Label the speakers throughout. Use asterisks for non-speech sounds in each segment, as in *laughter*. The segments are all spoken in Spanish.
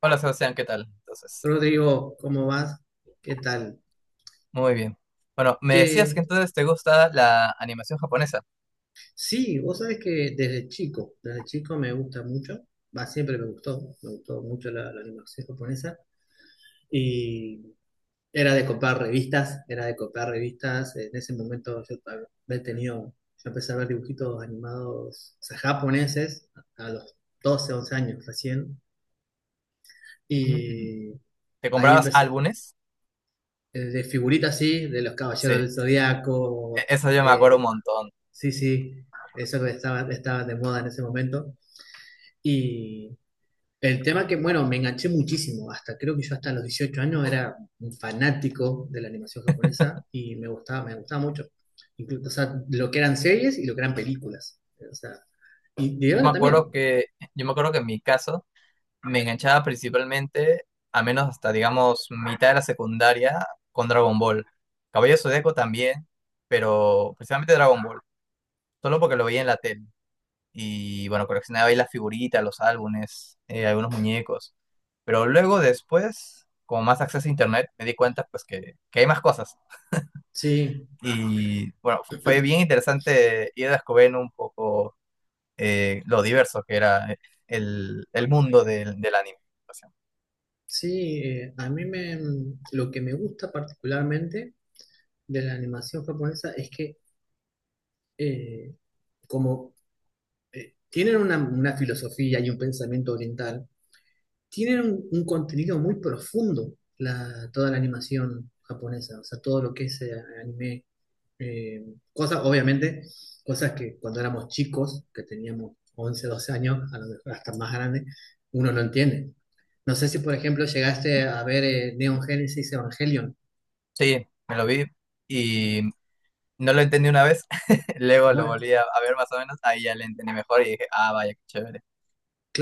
Speaker 1: Hola Sebastián, ¿qué tal?
Speaker 2: Rodrigo, ¿cómo vas? ¿Qué tal?
Speaker 1: Muy bien. Bueno, me decías que
Speaker 2: Que
Speaker 1: entonces te gusta la animación japonesa.
Speaker 2: Sí, vos sabés que desde chico, me gusta mucho, va, siempre me gustó, mucho la animación japonesa y era de comprar revistas, en ese momento yo había tenido, yo empecé a ver dibujitos animados, o sea, japoneses, a los 12, 11 años recién.
Speaker 1: Mm,
Speaker 2: Y
Speaker 1: ¿te
Speaker 2: ahí
Speaker 1: comprabas
Speaker 2: empecé,
Speaker 1: álbumes?
Speaker 2: de figuritas así, de los
Speaker 1: Sí,
Speaker 2: Caballeros
Speaker 1: e-
Speaker 2: del Zodiaco.
Speaker 1: Eso yo me acuerdo un
Speaker 2: eh,
Speaker 1: montón.
Speaker 2: Sí, sí, eso que estaba de moda en ese momento. Y el tema que, bueno, me enganché muchísimo, hasta creo que yo hasta los 18 años era un fanático de la animación japonesa y me gustaba mucho. Incluso, o sea, lo que eran series y lo que eran películas. O sea, y de
Speaker 1: Yo me
Speaker 2: grande
Speaker 1: acuerdo
Speaker 2: también.
Speaker 1: que, yo me acuerdo que en mi caso me enganchaba principalmente, a menos hasta digamos mitad de la secundaria, con Dragon Ball. Caballero Zodíaco también, pero principalmente Dragon Ball, solo porque lo veía en la tele. Y bueno, coleccionaba ahí las figuritas, los álbumes, algunos muñecos. Pero luego después, con más acceso a internet, me di cuenta pues que hay más cosas.
Speaker 2: Sí,
Speaker 1: Y bueno, fue bien interesante ir descubriendo un poco lo diverso que era el mundo del anime. O sea,
Speaker 2: sí. Lo que me gusta particularmente de la animación japonesa es que eh, como tienen una filosofía y un pensamiento oriental, tienen un contenido muy profundo toda la animación japonesa, o sea, todo lo que es anime, eh, cosas, obviamente, cosas que cuando éramos chicos, que teníamos 11, 12 años, a lo mejor hasta más grande, uno no entiende. No sé si, por ejemplo, llegaste a ver Neon Genesis Evangelion.
Speaker 1: sí, me lo vi y no lo entendí una vez, *laughs* luego lo
Speaker 2: Bueno,
Speaker 1: volví a ver más o menos, ahí ya lo entendí mejor y dije, ah, vaya, qué chévere.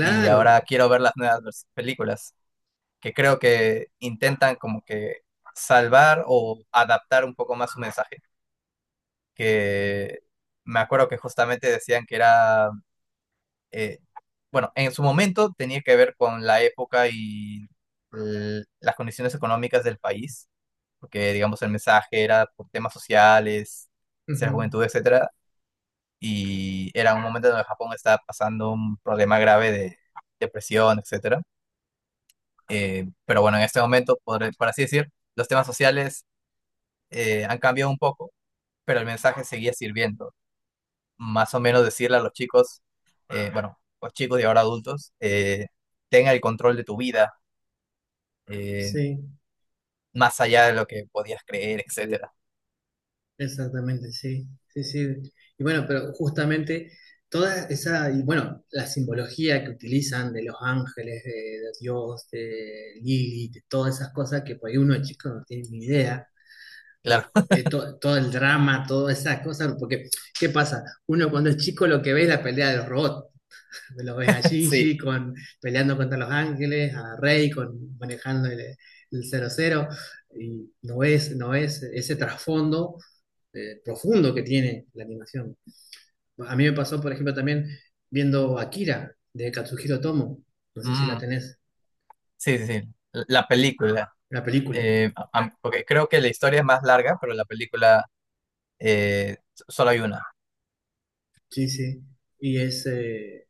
Speaker 1: Y ahora quiero ver las nuevas películas, que creo que intentan como que salvar o adaptar un poco más su mensaje, que me acuerdo que justamente decían que era, eh, bueno, en su momento tenía que ver con la época y las condiciones económicas del país, porque digamos el mensaje era por temas sociales,
Speaker 2: Ujú.
Speaker 1: ser juventud, etcétera, y era un momento donde Japón estaba pasando un problema grave de depresión, etcétera. Pero bueno, en este momento, por así decir, los temas sociales han cambiado un poco, pero el mensaje seguía sirviendo. Más o menos decirle a los chicos, bueno, los chicos y ahora adultos, tenga el control de tu vida, eh,
Speaker 2: Sí.
Speaker 1: más allá de lo que podías creer, etcétera.
Speaker 2: Exactamente, sí, sí, sí. Y bueno, pero justamente toda esa, y bueno, la simbología que utilizan de los ángeles, de Dios, de Lilith, de todas esas cosas que por ahí uno de chico no tiene ni idea, o,
Speaker 1: Claro,
Speaker 2: todo el drama, todas esas cosas, porque ¿qué pasa? Uno cuando es chico lo que ve es la pelea de los robots, lo ves a
Speaker 1: *laughs* sí.
Speaker 2: Shinji con, peleando contra los ángeles, a Rey con, manejando el 00, y no es ese trasfondo profundo que tiene la animación. A mí me pasó, por ejemplo, también viendo Akira de Katsuhiro Tomo. No sé si la
Speaker 1: Mm,
Speaker 2: tenés,
Speaker 1: sí, sí, sí. La película,
Speaker 2: la película.
Speaker 1: porque creo que la historia es más larga, pero la película solo hay una.
Speaker 2: Sí, sí. Y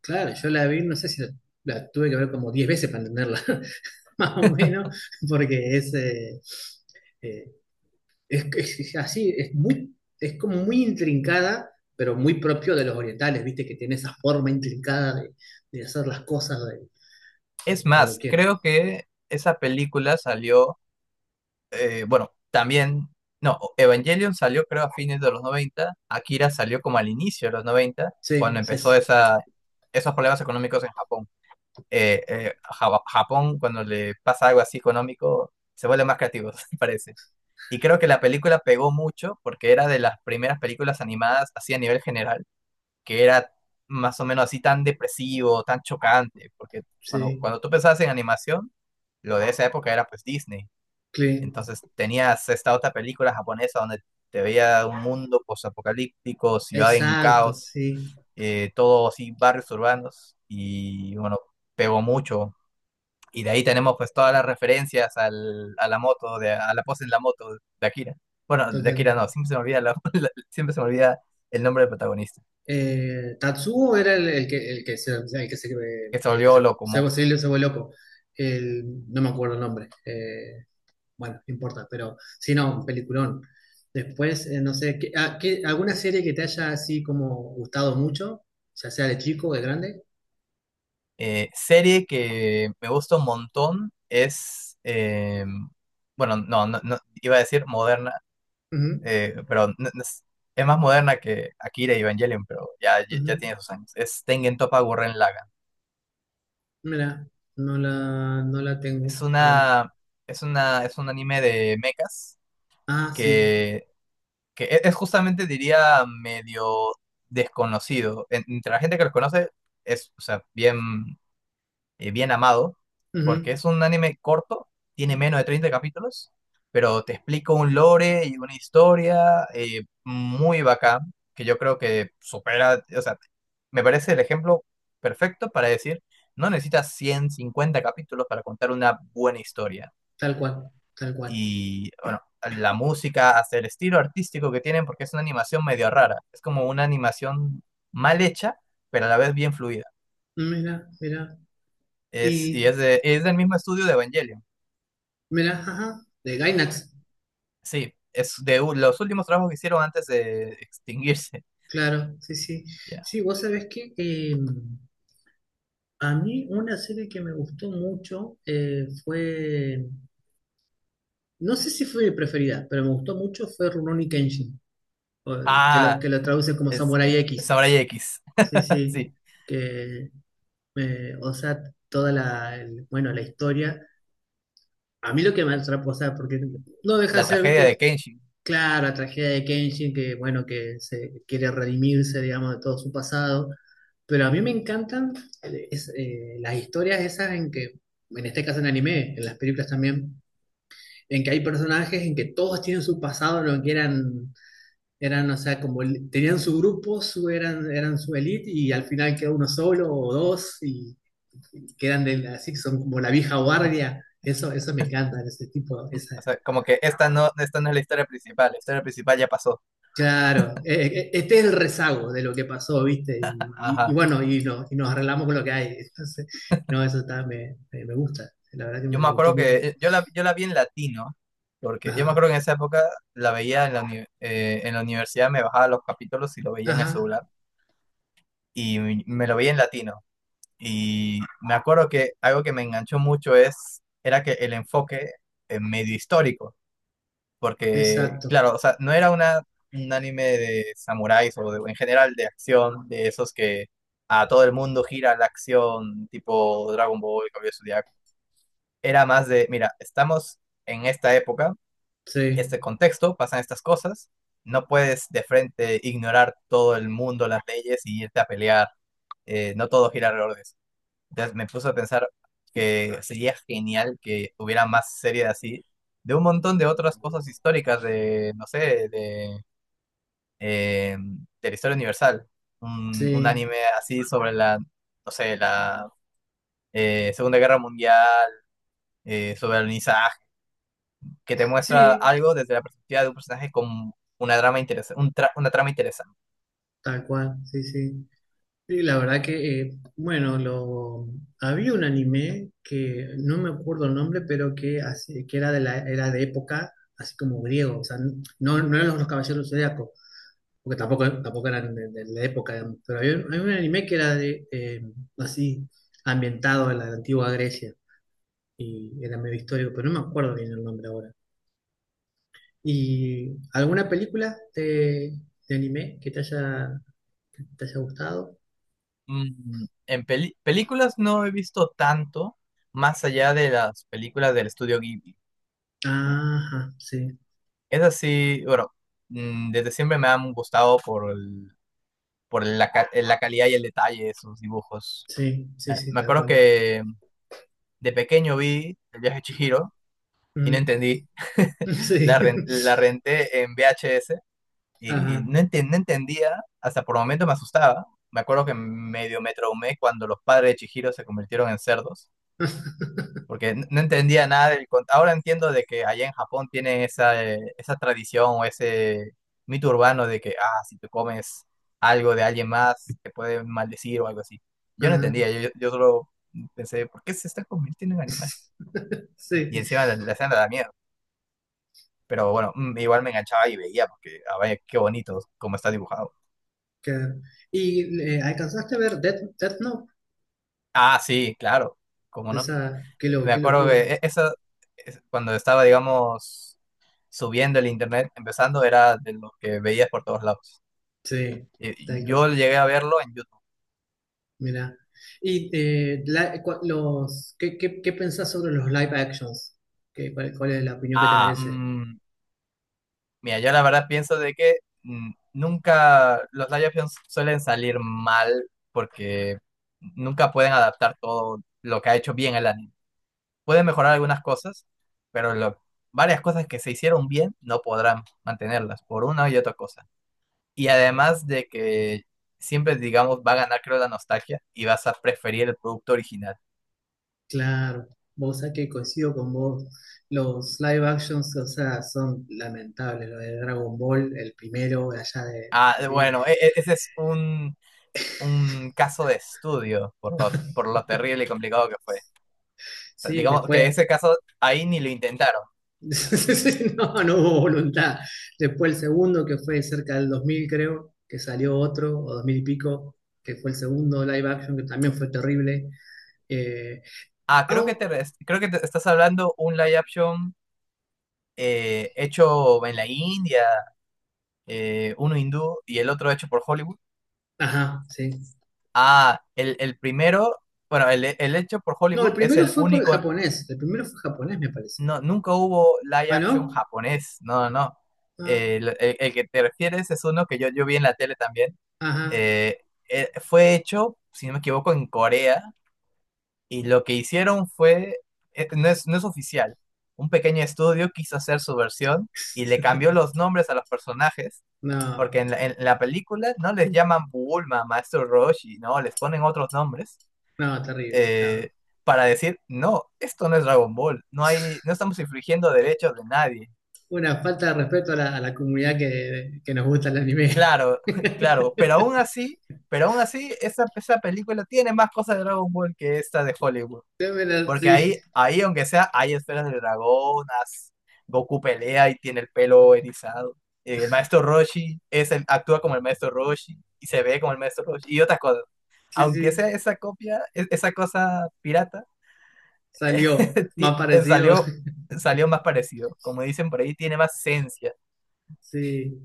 Speaker 2: claro, yo la vi, no sé si la tuve que ver como 10 veces para entenderla, *laughs* más o menos, porque eh, es así, es como muy intrincada, pero muy propio de los orientales, viste, que tiene esa forma intrincada de hacer las cosas
Speaker 1: Es
Speaker 2: de cuando
Speaker 1: más,
Speaker 2: quieren.
Speaker 1: creo que esa película salió bueno, también, no, Evangelion salió creo a fines de los 90. Akira salió como al inicio de los 90,
Speaker 2: Sí,
Speaker 1: cuando
Speaker 2: sí,
Speaker 1: empezó
Speaker 2: sí,
Speaker 1: esa, esos problemas económicos en Japón. Japón, cuando le pasa algo así económico, se vuelve más creativo, *laughs* parece. Y creo que la película pegó mucho porque era de las primeras películas animadas así a nivel general, que era más o menos así tan depresivo, tan chocante, porque bueno, cuando tú pensabas en animación, lo de esa época era pues Disney,
Speaker 2: sí.
Speaker 1: entonces tenías esta otra película japonesa donde te veía un mundo posapocalíptico, ciudad en
Speaker 2: Exacto,
Speaker 1: caos,
Speaker 2: sí,
Speaker 1: todo así, barrios urbanos, y bueno, pegó mucho. Y de ahí tenemos pues todas las referencias a la moto, de, a la pose en la moto de Akira. Bueno, de
Speaker 2: total.
Speaker 1: Akira no, siempre se me olvida, *laughs* siempre se me olvida el nombre del protagonista,
Speaker 2: Tatsuo era el que
Speaker 1: que se
Speaker 2: el que se,
Speaker 1: volvió loco,
Speaker 2: se,
Speaker 1: monstruo.
Speaker 2: se- se volvió loco. No me acuerdo el nombre. Bueno, no importa, pero sí, no, un peliculón. Después, no sé, ¿alguna serie que te haya así como gustado mucho? Ya sea de chico o de grande.
Speaker 1: Serie que me gusta un montón es, bueno, no, no, no, iba a decir moderna,
Speaker 2: Ujú,
Speaker 1: pero es más moderna que Akira y Evangelion, pero ya
Speaker 2: ujú.
Speaker 1: tiene sus años. Es Tengen Toppa Gurren Lagann.
Speaker 2: Mira, no la tengo.
Speaker 1: Es
Speaker 2: A lo mejor.
Speaker 1: una, es un anime de mechas
Speaker 2: Ah, sí.
Speaker 1: que, que es justamente, diría, medio desconocido. Entre la gente que los conoce, es, o sea, bien bien amado, porque
Speaker 2: Ujú.
Speaker 1: es un anime corto, tiene menos de 30 capítulos, pero te explico un lore y una historia muy bacán, que yo creo que supera, o sea, me parece el ejemplo perfecto para decir, no necesitas 150 capítulos para contar una buena historia.
Speaker 2: Tal cual, tal cual.
Speaker 1: Y bueno, la música, hasta el estilo artístico que tienen, porque es una animación medio rara, es como una animación mal hecha, pero a la vez bien fluida.
Speaker 2: Mira, mira. Y
Speaker 1: Es del mismo estudio de Evangelion.
Speaker 2: mira, ajá, de Gainax,
Speaker 1: Sí, es de los últimos trabajos que hicieron antes de extinguirse.
Speaker 2: claro, sí, sí.
Speaker 1: *laughs* Ya.
Speaker 2: Sí, vos sabés que a mí una serie que me gustó mucho no sé si fue mi preferida, pero me gustó mucho fue Rurouni Kenshin, o-
Speaker 1: Ah,
Speaker 2: que lo traduce como
Speaker 1: es
Speaker 2: Samurai
Speaker 1: es
Speaker 2: X.
Speaker 1: Samurai X.
Speaker 2: Sí,
Speaker 1: *laughs*
Speaker 2: sí,
Speaker 1: Sí,
Speaker 2: que, o sea, toda la, el- bueno, la historia. A mí lo que me atrapó, o sea, porque no deja de
Speaker 1: la
Speaker 2: ser,
Speaker 1: tragedia de
Speaker 2: viste,
Speaker 1: Kenshin.
Speaker 2: claro, la tragedia de Kenshin, que, bueno, que se quiere redimirse, digamos, de todo su pasado. Pero a mí me encantan las historias esas en que, en este caso en anime, en las películas también, en que hay personajes en que todos tienen su pasado, en lo que eran, o sea, como tenían su grupo, eran su elite, y al final queda uno solo o dos, y quedan de, así que son como la vieja
Speaker 1: *laughs*
Speaker 2: guardia. Eso me encanta, ese tipo, esa.
Speaker 1: O sea, como que esta no es la historia principal ya pasó.
Speaker 2: Claro, este es el rezago de lo que pasó, ¿viste? Y
Speaker 1: Ajá.
Speaker 2: bueno, y, no- y nos arreglamos con lo que hay. *laughs* Entonces, no, eso está, me gusta, la verdad que
Speaker 1: Yo
Speaker 2: me
Speaker 1: me
Speaker 2: gustó
Speaker 1: acuerdo
Speaker 2: mucho.
Speaker 1: que yo la vi en latino, porque yo me
Speaker 2: Ajá,
Speaker 1: acuerdo que en esa época la veía en en la universidad, me bajaba los capítulos y lo veía en el
Speaker 2: ajá,
Speaker 1: celular, y me lo veía en latino. Y me acuerdo que algo que me enganchó mucho era que el enfoque medio histórico, porque,
Speaker 2: exacto,
Speaker 1: claro, o sea, no era una, un anime de samuráis en general de acción, de esos que a todo el mundo gira la acción, tipo Dragon Ball, Caballero Zodiaco. Era más de, mira, estamos en esta época,
Speaker 2: sí,
Speaker 1: este contexto, pasan estas cosas, no puedes de frente ignorar todo el mundo, las leyes y irte a pelear, no todo gira alrededor de eso. Entonces me puso a pensar que sería genial que hubiera más series así, de un montón de otras cosas históricas, de, no sé, de la historia universal. Un
Speaker 2: sí,
Speaker 1: anime así sobre la, no sé, la Segunda Guerra Mundial, sobre el alunizaje, que te muestra
Speaker 2: sí,
Speaker 1: algo desde la perspectiva de un personaje con una trama interesante, una trama interesante.
Speaker 2: tal cual, sí, sí. Sí, la verdad que, bueno, había un anime que no me acuerdo el nombre, pero que, así- que era, de la, era de época, así como griego, o sea, no, no eran los Caballeros, porque tampoco eran de la época, pero había un anime que era así, ambientado en la antigua Grecia, y era medio histórico, pero no me acuerdo bien el nombre ahora. ¿Y alguna película de anime que te haya gustado?
Speaker 1: Mm, en películas no he visto tanto más allá de las películas del estudio Ghibli.
Speaker 2: Ajá, sí,
Speaker 1: Es así, bueno, mm, desde siempre me han gustado por la calidad y el detalle de sus dibujos.
Speaker 2: sí, sí, sí,
Speaker 1: Me
Speaker 2: tal
Speaker 1: acuerdo
Speaker 2: cual.
Speaker 1: que de pequeño vi El viaje de Chihiro y no
Speaker 2: Mm,
Speaker 1: entendí. *laughs*
Speaker 2: *laughs* sí,
Speaker 1: La renté en VHS
Speaker 2: *laughs*
Speaker 1: y
Speaker 2: ajá,
Speaker 1: no entendía, hasta por momentos me asustaba. Me acuerdo que medio me traumé cuando los padres de Chihiro se convirtieron en cerdos, porque no entendía nada del... Ahora entiendo de que allá en Japón tienen esa, esa tradición o ese mito urbano de que, ah, si te comes algo de alguien más, te pueden maldecir o algo así. Yo no
Speaker 2: ajá,
Speaker 1: entendía, yo solo pensé, ¿por qué se está convirtiendo en animales?
Speaker 2: sí,
Speaker 1: Y encima la escena da miedo. Pero bueno, mm, igual me enganchaba y veía, porque, a ver, qué bonito cómo está dibujado.
Speaker 2: claro. ¿Y alcanzaste a ver Death Note?
Speaker 1: Ah, sí, claro, cómo no.
Speaker 2: Esa,
Speaker 1: Me
Speaker 2: qué
Speaker 1: acuerdo que
Speaker 2: locura.
Speaker 1: esa, cuando estaba, digamos, subiendo el internet, empezando, era de lo que veías por todos lados.
Speaker 2: Sí,
Speaker 1: Eh,
Speaker 2: tal cual.
Speaker 1: Yo llegué a verlo en YouTube.
Speaker 2: Mira. Y ¿qué pensás sobre los live actions? ¿Cuál es la opinión que te
Speaker 1: Ah,
Speaker 2: merece?
Speaker 1: mm, mira, yo la verdad pienso de que mm, nunca los live actions suelen salir mal porque nunca pueden adaptar todo lo que ha hecho bien el anime. Pueden mejorar algunas cosas, pero lo- varias cosas que se hicieron bien no podrán mantenerlas por una y otra cosa. Y además de que siempre, digamos, va a ganar, creo, la nostalgia y vas a preferir el producto original.
Speaker 2: Claro, vos sabés que coincido con vos. Los live actions, o sea, son lamentables. Lo de Dragon Ball, el primero, allá de,
Speaker 1: Ah, bueno, ese es un caso de estudio por lo terrible y complicado que fue. O sea,
Speaker 2: sí,
Speaker 1: digamos que
Speaker 2: después.
Speaker 1: ese caso ahí ni lo intentaron.
Speaker 2: *laughs* Sí. No, no hubo voluntad. Después el segundo, que fue cerca del 2000 creo, que salió otro, o 2000 y pico, que fue el segundo live action, que también fue terrible. eh,
Speaker 1: Ah, creo que
Speaker 2: Au-
Speaker 1: creo que te estás hablando un live action hecho en la India, uno hindú y el otro hecho por Hollywood.
Speaker 2: Ajá, sí.
Speaker 1: Ah, el primero, bueno, el hecho por
Speaker 2: No, el
Speaker 1: Hollywood es
Speaker 2: primero
Speaker 1: el
Speaker 2: fue por
Speaker 1: único,
Speaker 2: japonés. El primero fue japonés, me parece.
Speaker 1: no, nunca hubo live
Speaker 2: ¿Ah,
Speaker 1: action
Speaker 2: no?
Speaker 1: japonés, no, no.
Speaker 2: Ah,
Speaker 1: El que te refieres es uno que yo vi en la tele también
Speaker 2: ajá.
Speaker 1: eh, fue hecho, si no me equivoco, en Corea, y lo que hicieron fue, no es oficial, un pequeño estudio quiso hacer su versión y le
Speaker 2: *laughs*
Speaker 1: cambió los nombres a los personajes, porque
Speaker 2: No,
Speaker 1: en en la película no les llaman Bulma, Maestro Roshi, no, les ponen otros nombres.
Speaker 2: no, terrible. No.
Speaker 1: Eh, para decir, no, esto no es Dragon Ball, no hay, no estamos infringiendo derechos de nadie.
Speaker 2: Una falta de respeto a la comunidad que nos gusta el anime.
Speaker 1: Claro, *laughs* claro, pero aún así, esa película tiene más cosas de Dragon Ball que esta de Hollywood.
Speaker 2: *laughs*
Speaker 1: Porque
Speaker 2: Sí,
Speaker 1: ahí, aunque sea, hay esferas de dragón, as- Goku pelea y tiene el pelo erizado. El maestro Roshi es el, actúa como el maestro Roshi y se ve como el maestro Roshi y otras cosas.
Speaker 2: sí,
Speaker 1: Aunque
Speaker 2: sí.
Speaker 1: sea esa copia, esa cosa pirata,
Speaker 2: Salió.
Speaker 1: *laughs*
Speaker 2: Más parecido.
Speaker 1: salió,
Speaker 2: *laughs*
Speaker 1: salió más parecido. Como dicen por ahí, tiene más esencia.
Speaker 2: Sí.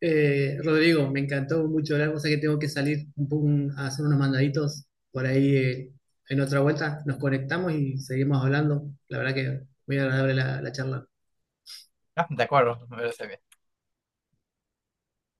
Speaker 2: Rodrigo, me encantó mucho hablar, cosa que tengo que salir un poco a hacer unos mandaditos por ahí, en otra vuelta. Nos conectamos y seguimos hablando. La verdad que muy agradable la charla.
Speaker 1: Ah, de acuerdo, me parece bien.